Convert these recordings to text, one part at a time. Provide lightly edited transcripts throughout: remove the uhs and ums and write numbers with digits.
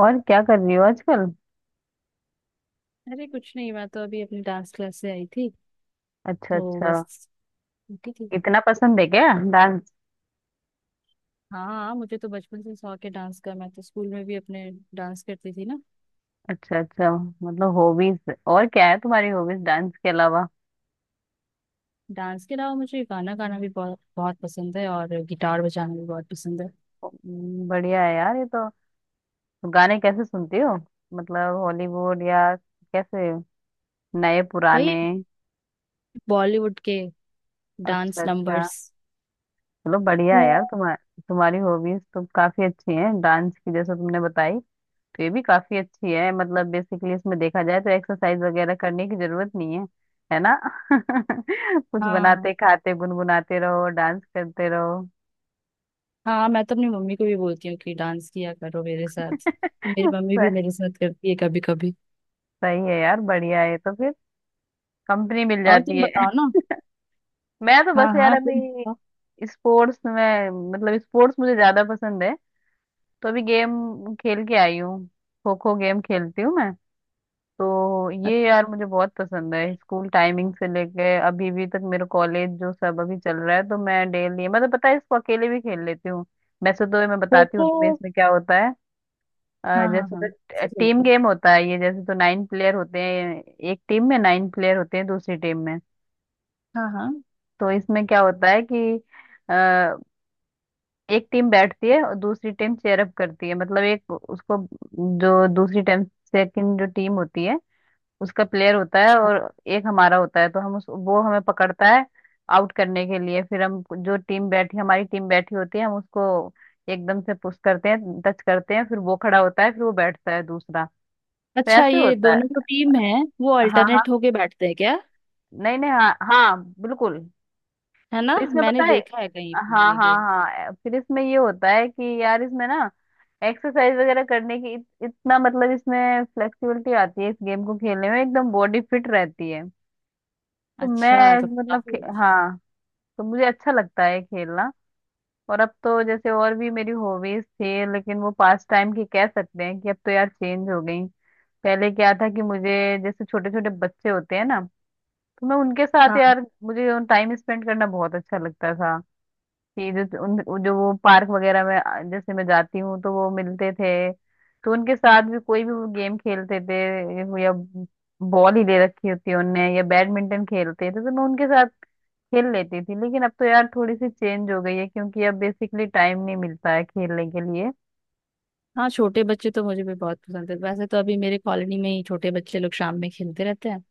और क्या कर रही हो आजकल। अरे कुछ नहीं, मैं तो अभी अपनी डांस क्लास से आई थी। अच्छा तो अच्छा। बस उठी थी। इतना पसंद है क्या डांस। हाँ हाँ, मुझे तो बचपन से शौक है डांस का। मैं तो स्कूल में भी अपने डांस करती थी ना। अच्छा अच्छा। मतलब हॉबीज और क्या है तुम्हारी, हॉबीज डांस के अलावा। डांस के अलावा मुझे गाना गाना भी बहुत बहुत पसंद है और गिटार बजाना भी बहुत पसंद है। बढ़िया है यार ये तो। तो गाने कैसे सुनती हो? मतलब हॉलीवुड या कैसे? नए वही पुराने? बॉलीवुड के अच्छा डांस अच्छा। नंबर्स। चलो बढ़िया है यार, तुम्हारी तुम्हारी हॉबीज तो काफी अच्छी हैं, डांस की जैसे तुमने बताई। तो ये भी काफी अच्छी है, मतलब बेसिकली इसमें देखा जाए तो एक्सरसाइज वगैरह करने की जरूरत नहीं है। है ना। कुछ हाँ बनाते खाते गुनगुनाते रहो, डांस करते रहो। हाँ, मैं तो अपनी मम्मी को भी बोलती हूँ कि डांस किया करो मेरे साथ। तो मेरी मम्मी भी सही। मेरे साथ करती है कभी कभी। सही है यार, बढ़िया है तो फिर, कंपनी मिल और जाती तुम है। बताओ ना। मैं तो हाँ बस यार हाँ, तुम अभी बताओ। स्पोर्ट्स में, मतलब स्पोर्ट्स मुझे ज्यादा पसंद है। तो अभी गेम खेल के आई हूँ। खो खो गेम खेलती हूँ मैं। तो ये अच्छा, यार मुझे बहुत पसंद है, स्कूल टाइमिंग से लेके अभी भी तक, मेरा कॉलेज जो सब अभी चल रहा है, तो मैं डेली, मतलब पता है, इसको अकेले भी खेल लेती हूँ। वैसे तो मैं खो बताती हूँ खो। तुम्हें इसमें क्या होता है। हाँ हाँ जैसे हाँ। तो टीम गेम होता है ये, जैसे तो 9 प्लेयर होते हैं। एक टीम में 9 प्लेयर होते हैं, दूसरी टीम में। हाँ हाँ। तो इसमें क्या होता है कि अ, एक टीम बैठती है और दूसरी टीम चेयर अप करती है, मतलब एक उसको, जो दूसरी टीम, सेकंड जो टीम होती है, उसका प्लेयर होता है, और एक हमारा होता है, तो हम उस, वो हमें पकड़ता है आउट करने के लिए, फिर हम जो टीम बैठी, हमारी टीम बैठी होती है, हम उसको एकदम से पुश करते हैं, टच करते हैं, फिर वो खड़ा होता है, फिर वो बैठता है दूसरा। तो अच्छा, ऐसे ये होता दोनों जो है। टीम है वो हाँ हाँ। अल्टरनेट होके बैठते हैं क्या। नहीं नहीं, हाँ हाँ, बिल्कुल। है ना, तो इसमें मैंने पता है, देखा है कहीं पर हाँ ये हाँ गेम। हाँ, फिर इसमें ये होता है कि यार इसमें ना एक्सरसाइज वगैरह करने की, इतना मतलब, इसमें फ्लेक्सिबिलिटी आती है, इस गेम को खेलने में एकदम बॉडी फिट रहती है। तो अच्छा, मैं तो मतलब काफी अच्छा। हाँ। तो मुझे अच्छा लगता है खेलना। और अब तो जैसे और भी मेरी हॉबीज थी, लेकिन वो पास टाइम की कह सकते हैं कि अब तो यार चेंज हो गई। पहले क्या था कि मुझे, जैसे छोटे छोटे बच्चे होते हैं ना, तो मैं उनके साथ, हाँ यार मुझे टाइम स्पेंड करना बहुत अच्छा लगता था। कि जो उन, जो वो पार्क वगैरह में जैसे मैं जाती हूँ तो वो मिलते थे, तो उनके साथ भी कोई भी वो गेम खेलते थे, या बॉल ही ले रखी होती है उनने, या बैडमिंटन खेलते थे, तो मैं उनके साथ खेल लेती थी। लेकिन अब तो यार थोड़ी सी चेंज हो गई है, क्योंकि अब बेसिकली टाइम नहीं मिलता है खेलने के लिए। हाँ, छोटे बच्चे तो मुझे भी बहुत पसंद है। वैसे तो अभी मेरे कॉलोनी में ही छोटे बच्चे लोग शाम में खेलते रहते हैं।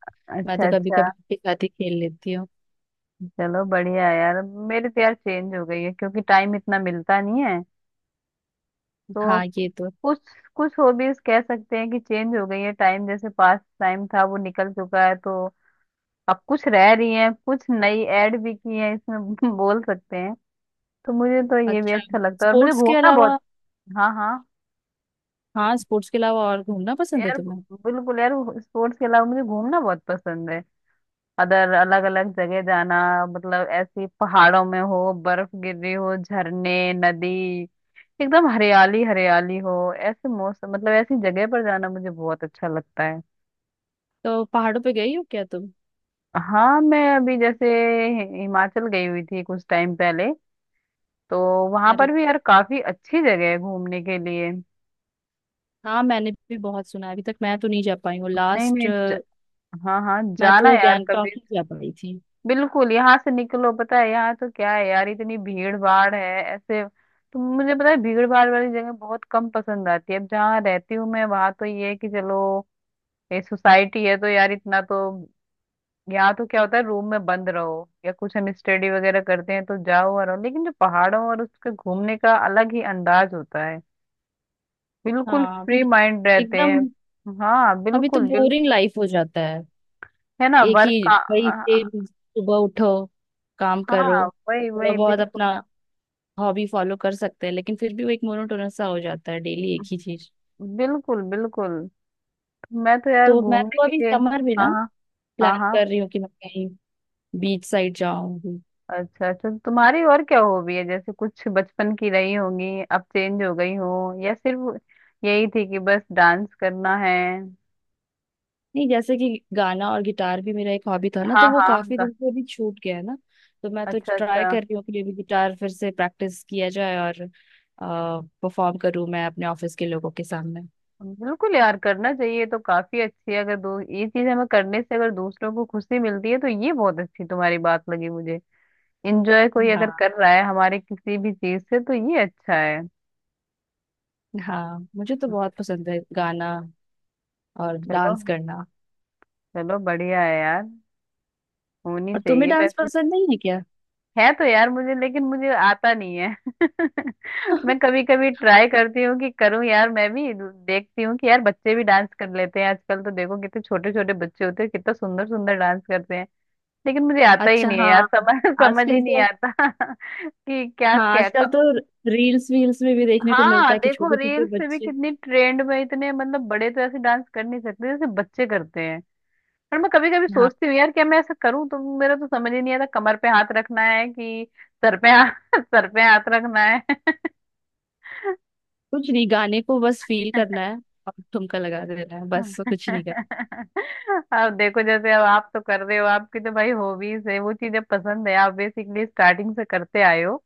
मैं अच्छा तो कभी अच्छा। कभी उनके साथ ही खेल लेती हूँ। चलो बढ़िया है यार। मेरी तो यार चेंज हो गई है क्योंकि टाइम इतना मिलता नहीं है, तो हाँ, ये तो। कुछ कुछ हॉबीज कह सकते हैं कि चेंज हो गई है, टाइम जैसे पास टाइम था वो निकल चुका है, तो अब कुछ रह रही है, कुछ नई ऐड भी की है इसमें। बोल सकते हैं। तो मुझे तो ये भी अच्छा, अच्छा लगता है, और मुझे स्पोर्ट्स के घूमना अलावा। बहुत। हाँ हाँ। हाँ, स्पोर्ट्स के अलावा और घूमना पसंद है यार तुम्हें। बिल्कुल यार, स्पोर्ट्स के अलावा मुझे घूमना बहुत पसंद है। अदर, अलग अलग जगह जाना। मतलब ऐसी पहाड़ों में हो, बर्फ गिर रही हो, झरने, नदी, एकदम हरियाली हरियाली हो, ऐसे मौसम, मतलब ऐसी जगह पर जाना मुझे बहुत अच्छा लगता है। तो पहाड़ों पे गई हो क्या तुम। हाँ मैं अभी जैसे हिमाचल गई हुई थी कुछ टाइम पहले। तो वहां अरे पर भी यार काफी अच्छी जगह है घूमने के लिए। हाँ, मैंने भी बहुत सुना है। अभी तक मैं तो नहीं जा पाई हूँ। नहीं लास्ट नहीं ज... हाँ हाँ, मैं जाना तो यार कभी। गैंगटॉक ही जा पाई थी। बिल्कुल, यहाँ से निकलो, पता है यहाँ तो क्या है यार, इतनी भीड़ भाड़ है ऐसे। तो मुझे पता है भीड़ भाड़ वाली जगह बहुत कम पसंद आती है, अब जहाँ रहती हूँ मैं, वहां तो ये है कि चलो ये सोसाइटी है तो यार इतना तो, यहाँ तो क्या होता है रूम में बंद रहो, या कुछ हम स्टडी वगैरह करते हैं तो जाओ और आओ। लेकिन जो पहाड़ों और उसके घूमने का अलग ही अंदाज होता है, बिल्कुल हाँ फ्री अभी। माइंड रहते हैं। एकदम। हाँ अभी तो बिल्कुल बिल्कुल। बोरिंग लाइफ हो जाता है। है ना, एक ही वर्क का। वही सेम, सुबह उठो, काम करो, हाँ, वही थोड़ा वही बहुत बिल्कुल। अपना हॉबी फॉलो कर सकते हैं, लेकिन फिर भी वो एक मोनोटोनस सा हो जाता है डेली एक ही चीज। बिल्कुल बिल्कुल। मैं तो यार तो मैं तो घूमने अभी के लिए, समर में हाँ ना हाँ, हाँ प्लान हाँ। कर रही हूँ कि मैं कहीं बीच साइड जाऊँ। अच्छा अच्छा, तो तुम्हारी और क्या हॉबी है? जैसे कुछ बचपन की रही होंगी, अब चेंज हो गई हो, या सिर्फ यही थी कि बस डांस करना है? नहीं, जैसे कि गाना और गिटार भी मेरा एक हॉबी था ना, हाँ तो वो हाँ काफी गा- दिन से अभी छूट गया है ना। तो मैं तो अच्छा ट्राई अच्छा। कर रही हूँ कि ये भी गिटार फिर से प्रैक्टिस किया जाए और परफॉर्म करूँ मैं अपने ऑफिस के लोगों के सामने। बिल्कुल यार, करना चाहिए, तो काफी अच्छी है, अगर दो ये चीज हमें करने से अगर दूसरों को खुशी मिलती है तो ये बहुत अच्छी, तुम्हारी बात लगी मुझे। इंजॉय कोई अगर हाँ कर रहा है हमारे किसी भी चीज से, तो ये अच्छा है। हाँ, मुझे तो बहुत पसंद है गाना और चलो, डांस करना। चलो बढ़िया है यार, होनी और तुम्हें चाहिए डांस वैसे। पसंद नहीं है क्या। है तो यार मुझे, लेकिन मुझे आता नहीं है। मैं कभी कभी ट्राई करती हूँ कि करूँ यार मैं भी। देखती हूँ कि यार, बच्चे भी डांस कर लेते हैं आजकल तो, देखो कितने छोटे छोटे बच्चे होते हैं, कितना सुंदर सुंदर डांस करते हैं, लेकिन मुझे आता ही अच्छा नहीं है यार। हाँ, समझ समझ ही आजकल नहीं तो। आता। कि क्या हाँ क्या आजकल क- तो रील्स वील्स में भी देखने को हाँ मिलता है कि देखो, छोटे छोटे रील्स से भी बच्चे। कितनी ट्रेंड में, इतने मतलब बड़े तो ऐसे डांस कर नहीं सकते जैसे बच्चे करते हैं। पर मैं कभी कभी सोचती हूँ यार, क्या मैं ऐसा करूँ, तो मेरा तो समझ ही नहीं आता कमर पे हाथ रखना है कि सर पे हाथ, सर पे हाथ रखना है। कुछ नहीं, गाने को बस फील करना है और ठुमका लगा देना है, बस कुछ नहीं करना। अब देखो, जैसे अब आप तो कर रहे हो, आपकी तो भाई हॉबीज है वो चीजें पसंद है, आप बेसिकली स्टार्टिंग से करते आए हो,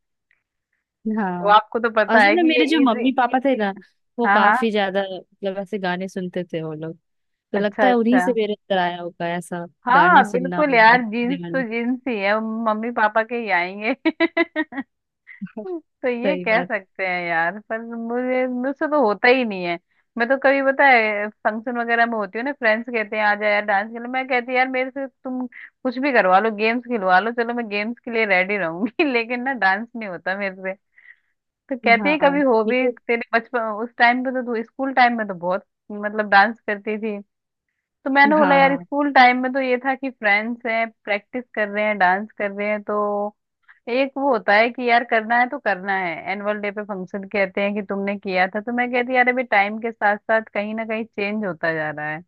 तो हाँ, आपको तो पता असल है में कि ये मेरे जो इजी। मम्मी पापा थे ना, वो हाँ हाँ। काफी ज्यादा मतलब ऐसे गाने सुनते थे वो लोग। तो लगता अच्छा है उन्हीं अच्छा। से मेरे अंदर आया होगा ऐसा। गाना हाँ सुनना और बिल्कुल गाना यार, जीन्स सुनने तो वाले। जीन्स ही है, मम्मी पापा के ही आएंगे। तो ये सही कह बात। सकते हैं यार, पर मुझे मुझसे तो होता ही नहीं है। मैं तो कभी पता है फंक्शन वगैरह में होती हूँ ना, फ्रेंड्स कहते हैं आ जा यार डांस के लिए, मैं कहती यार मेरे से तुम कुछ भी करवा लो, गेम्स खिलवा लो, चलो मैं गेम्स के लिए रेडी रहूंगी, लेकिन ना डांस नहीं होता मेरे से। तो कहते ही हाँ कभी हो भी, मेरे तेरे बचपन उस टाइम पे तो, तू स्कूल टाइम में तो बहुत, मतलब डांस करती थी। तो मैंने बोला हाँ यार, हाँ स्कूल टाइम में तो ये था कि फ्रेंड्स हैं, प्रैक्टिस कर रहे हैं, डांस कर रहे हैं, तो एक वो होता है कि यार करना है तो करना है, एनुअल डे पे फंक्शन, कहते हैं कि तुमने किया था, तो मैं कहती हूँ, यार अभी टाइम के साथ साथ कहीं ना कहीं चेंज होता जा रहा है।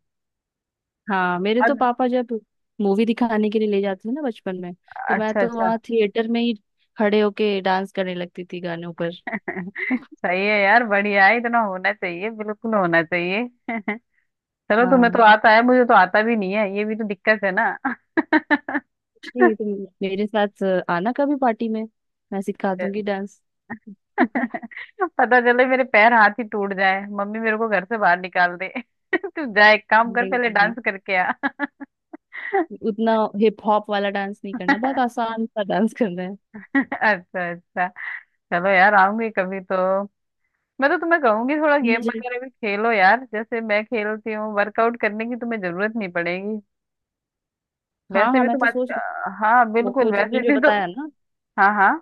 हाँ मेरे तो अग- पापा जब मूवी दिखाने के लिए ले जाते थे ना बचपन में, तो मैं अच्छा तो अच्छा। वहाँ थिएटर में ही खड़े होके डांस करने लगती थी गानों पर। सही है यार, बढ़िया है, इतना होना चाहिए, बिल्कुल होना चाहिए। चलो, तुम्हें तो हाँ आता है, मुझे तो आता भी नहीं है, ये भी तो दिक्कत है ना। जी, तुम मेरे साथ आना कभी पार्टी में, मैं सिखा दूंगी डांस। नहीं पता चले मेरे पैर हाथ ही टूट जाए, मम्मी मेरे को घर से बाहर निकाल दे। तू जा एक काम कर, पहले नहीं, डांस करके आ। उतना हिप हॉप वाला डांस नहीं करना, बहुत आसान सा डांस करना है। अच्छा अच्छा। चलो यार, आऊंगी कभी तो। मैं तो तुम्हें कहूंगी, थोड़ा गेम मुझे। वगैरह भी खेलो यार, जैसे मैं खेलती हूँ, वर्कआउट करने की तुम्हें जरूरत नहीं पड़ेगी। हाँ वैसे हाँ, भी मैं तुम तो आज, सोच रही हाँ हूँ खो बिल्कुल, खो तुमने वैसे जो भी तुम, बताया ना हाँ हाँ,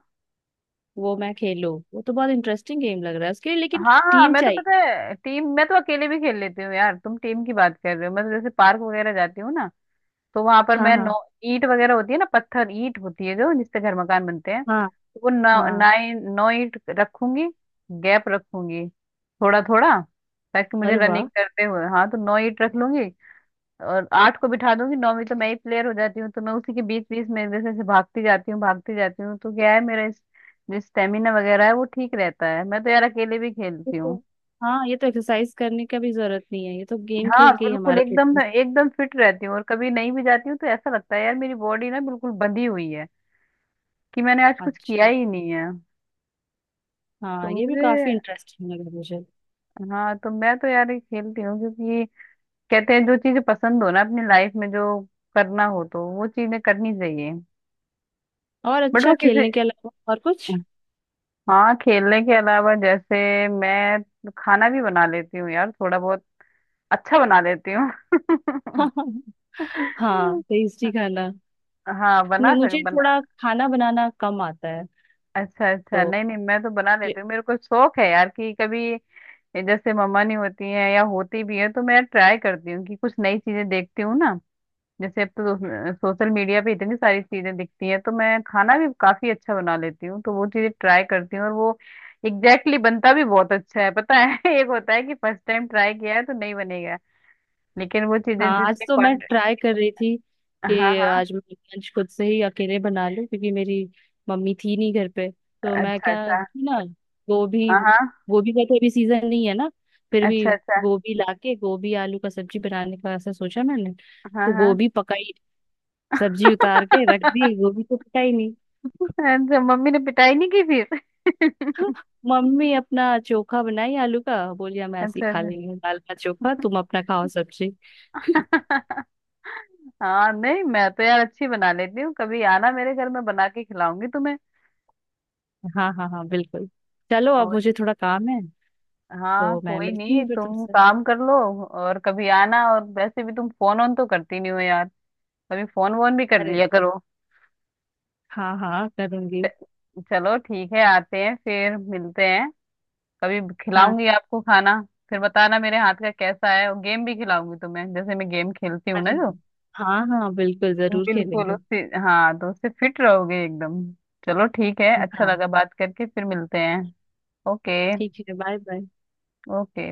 वो मैं खेलूँ, वो तो बहुत इंटरेस्टिंग गेम लग रहा है उसके लिए, लेकिन हाँ हाँ। टीम मैं तो चाहिए। पता है टीम, मैं तो अकेले भी खेल लेती हूँ यार, तुम टीम की बात कर रहे हो, मैं तो जैसे पार्क वगैरह जाती हूँ ना, तो वहां पर हाँ मैं नौ, हाँ ईंट वगैरह होती है ना, पत्थर ईंट होती है जो जिससे घर मकान बनते हैं, हाँ। वो नौ, हाँ 9 नोइट रखूंगी, गैप रखूंगी थोड़ा थोड़ा, ताकि मुझे अरे वाह, रनिंग करते हुए, हाँ तो 9 ईट रख लूंगी, और 8 को बिठा दूंगी, 9 में तो मैं ही प्लेयर हो जाती हूँ, तो मैं उसी के बीच बीच में जैसे जैसे भागती जाती हूँ, भागती जाती हूँ, तो क्या है मेरा इस जो स्टेमिना वगैरह है वो ठीक रहता है। मैं तो यार अकेले भी ये खेलती तो। हूँ। हाँ ये तो एक्सरसाइज करने का भी जरूरत नहीं है, ये तो गेम हाँ खेल के ही बिल्कुल, हमारा एकदम फिटनेस। एकदम फिट रहती हूँ, और कभी नहीं भी जाती हूँ तो ऐसा लगता है यार मेरी बॉडी ना बिल्कुल बंधी हुई है, कि मैंने आज कुछ किया अच्छा, ही नहीं है। तो हाँ ये भी मुझे, काफी इंटरेस्टिंग लगा मुझे। हाँ तो मैं तो यार ये खेलती हूँ, क्योंकि कहते हैं जो चीजें पसंद हो ना अपनी लाइफ में, जो करना हो तो वो चीजें करनी चाहिए। और बट वो अच्छा, किसी, खेलने के अलावा और कुछ। हाँ खेलने के अलावा जैसे, मैं खाना भी बना लेती हूँ यार, थोड़ा बहुत अच्छा बना लेती हूँ। हाँ टेस्टी खाना। हाँ बना मैं, सक मुझे बना। थोड़ा खाना बनाना कम आता है अच्छा अच्छा, तो। नहीं नहीं, मैं तो बना लेती हूँ, मेरे को शौक है यार कि कभी जैसे मम्मा नहीं होती हैं, या होती भी है तो मैं ट्राई करती हूँ कि कुछ नई चीजें देखती हूँ ना, जैसे अब तो सोशल मीडिया पे इतनी सारी चीजें दिखती हैं, तो मैं खाना भी काफी अच्छा बना लेती हूँ, तो वो चीजें ट्राई करती हूँ, और वो एग्जैक्टली exactly बनता भी बहुत अच्छा है, पता है। एक होता है कि फर्स्ट टाइम ट्राई किया है तो नहीं बनेगा, लेकिन वो चीजें हाँ आज जितनी तो मैं क्वांट, ट्राई कर रही थी हाँ कि हाँ, आज मैं लंच खुद से ही अकेले बना लूं, क्योंकि मेरी मम्मी थी नहीं घर पे, तो मैं अच्छा क्या अच्छा, ना गोभी, हाँ हाँ, गोभी का तो अभी सीजन नहीं है ना, फिर भी अच्छा अच्छा, गोभी लाके गोभी आलू का सब्जी बनाने का ऐसा सोचा मैंने। हाँ तो हाँ। गोभी पकाई, सब्जी उतार के रख दी, गोभी तो पकाई। अच्छा मम्मी ने पिटाई नहीं की फिर। मम्मी अपना चोखा बनाई आलू का, बोली हम अच्छा ऐसे ही अच्छा। खा लेंगे दाल का चोखा, तुम अपना खाओ सब्जी। हाँ नहीं, मैं तो यार अच्छी बना लेती हूँ, कभी आना मेरे घर में, बना के खिलाऊंगी तुम्हें। हाँ हाँ हाँ बिल्कुल। चलो अब मुझे थोड़ा काम है, हाँ तो मैं कोई मिलती नहीं, हूँ फिर तुम तुमसे। काम कर लो। और कभी आना, और वैसे भी तुम फोन ऑन तो करती नहीं हो यार, कभी फोन वोन भी कर अरे लिया करो। हाँ हाँ, करूंगी। चलो ठीक है, आते हैं फिर मिलते हैं, कभी हाँ, खिलाऊंगी आपको खाना, फिर बताना मेरे हाथ का कैसा है, और गेम भी खिलाऊंगी तुम्हें जैसे मैं गेम खेलती हूँ ना अरे जो, हाँ हाँ, बिल्कुल जरूर बिल्कुल खेलेंगे। उससे, हाँ तो उससे फिट रहोगे एकदम। चलो ठीक है, अच्छा हाँ, लगा बात करके, फिर मिलते हैं। ओके। ठीक है, बाय बाय। ओके।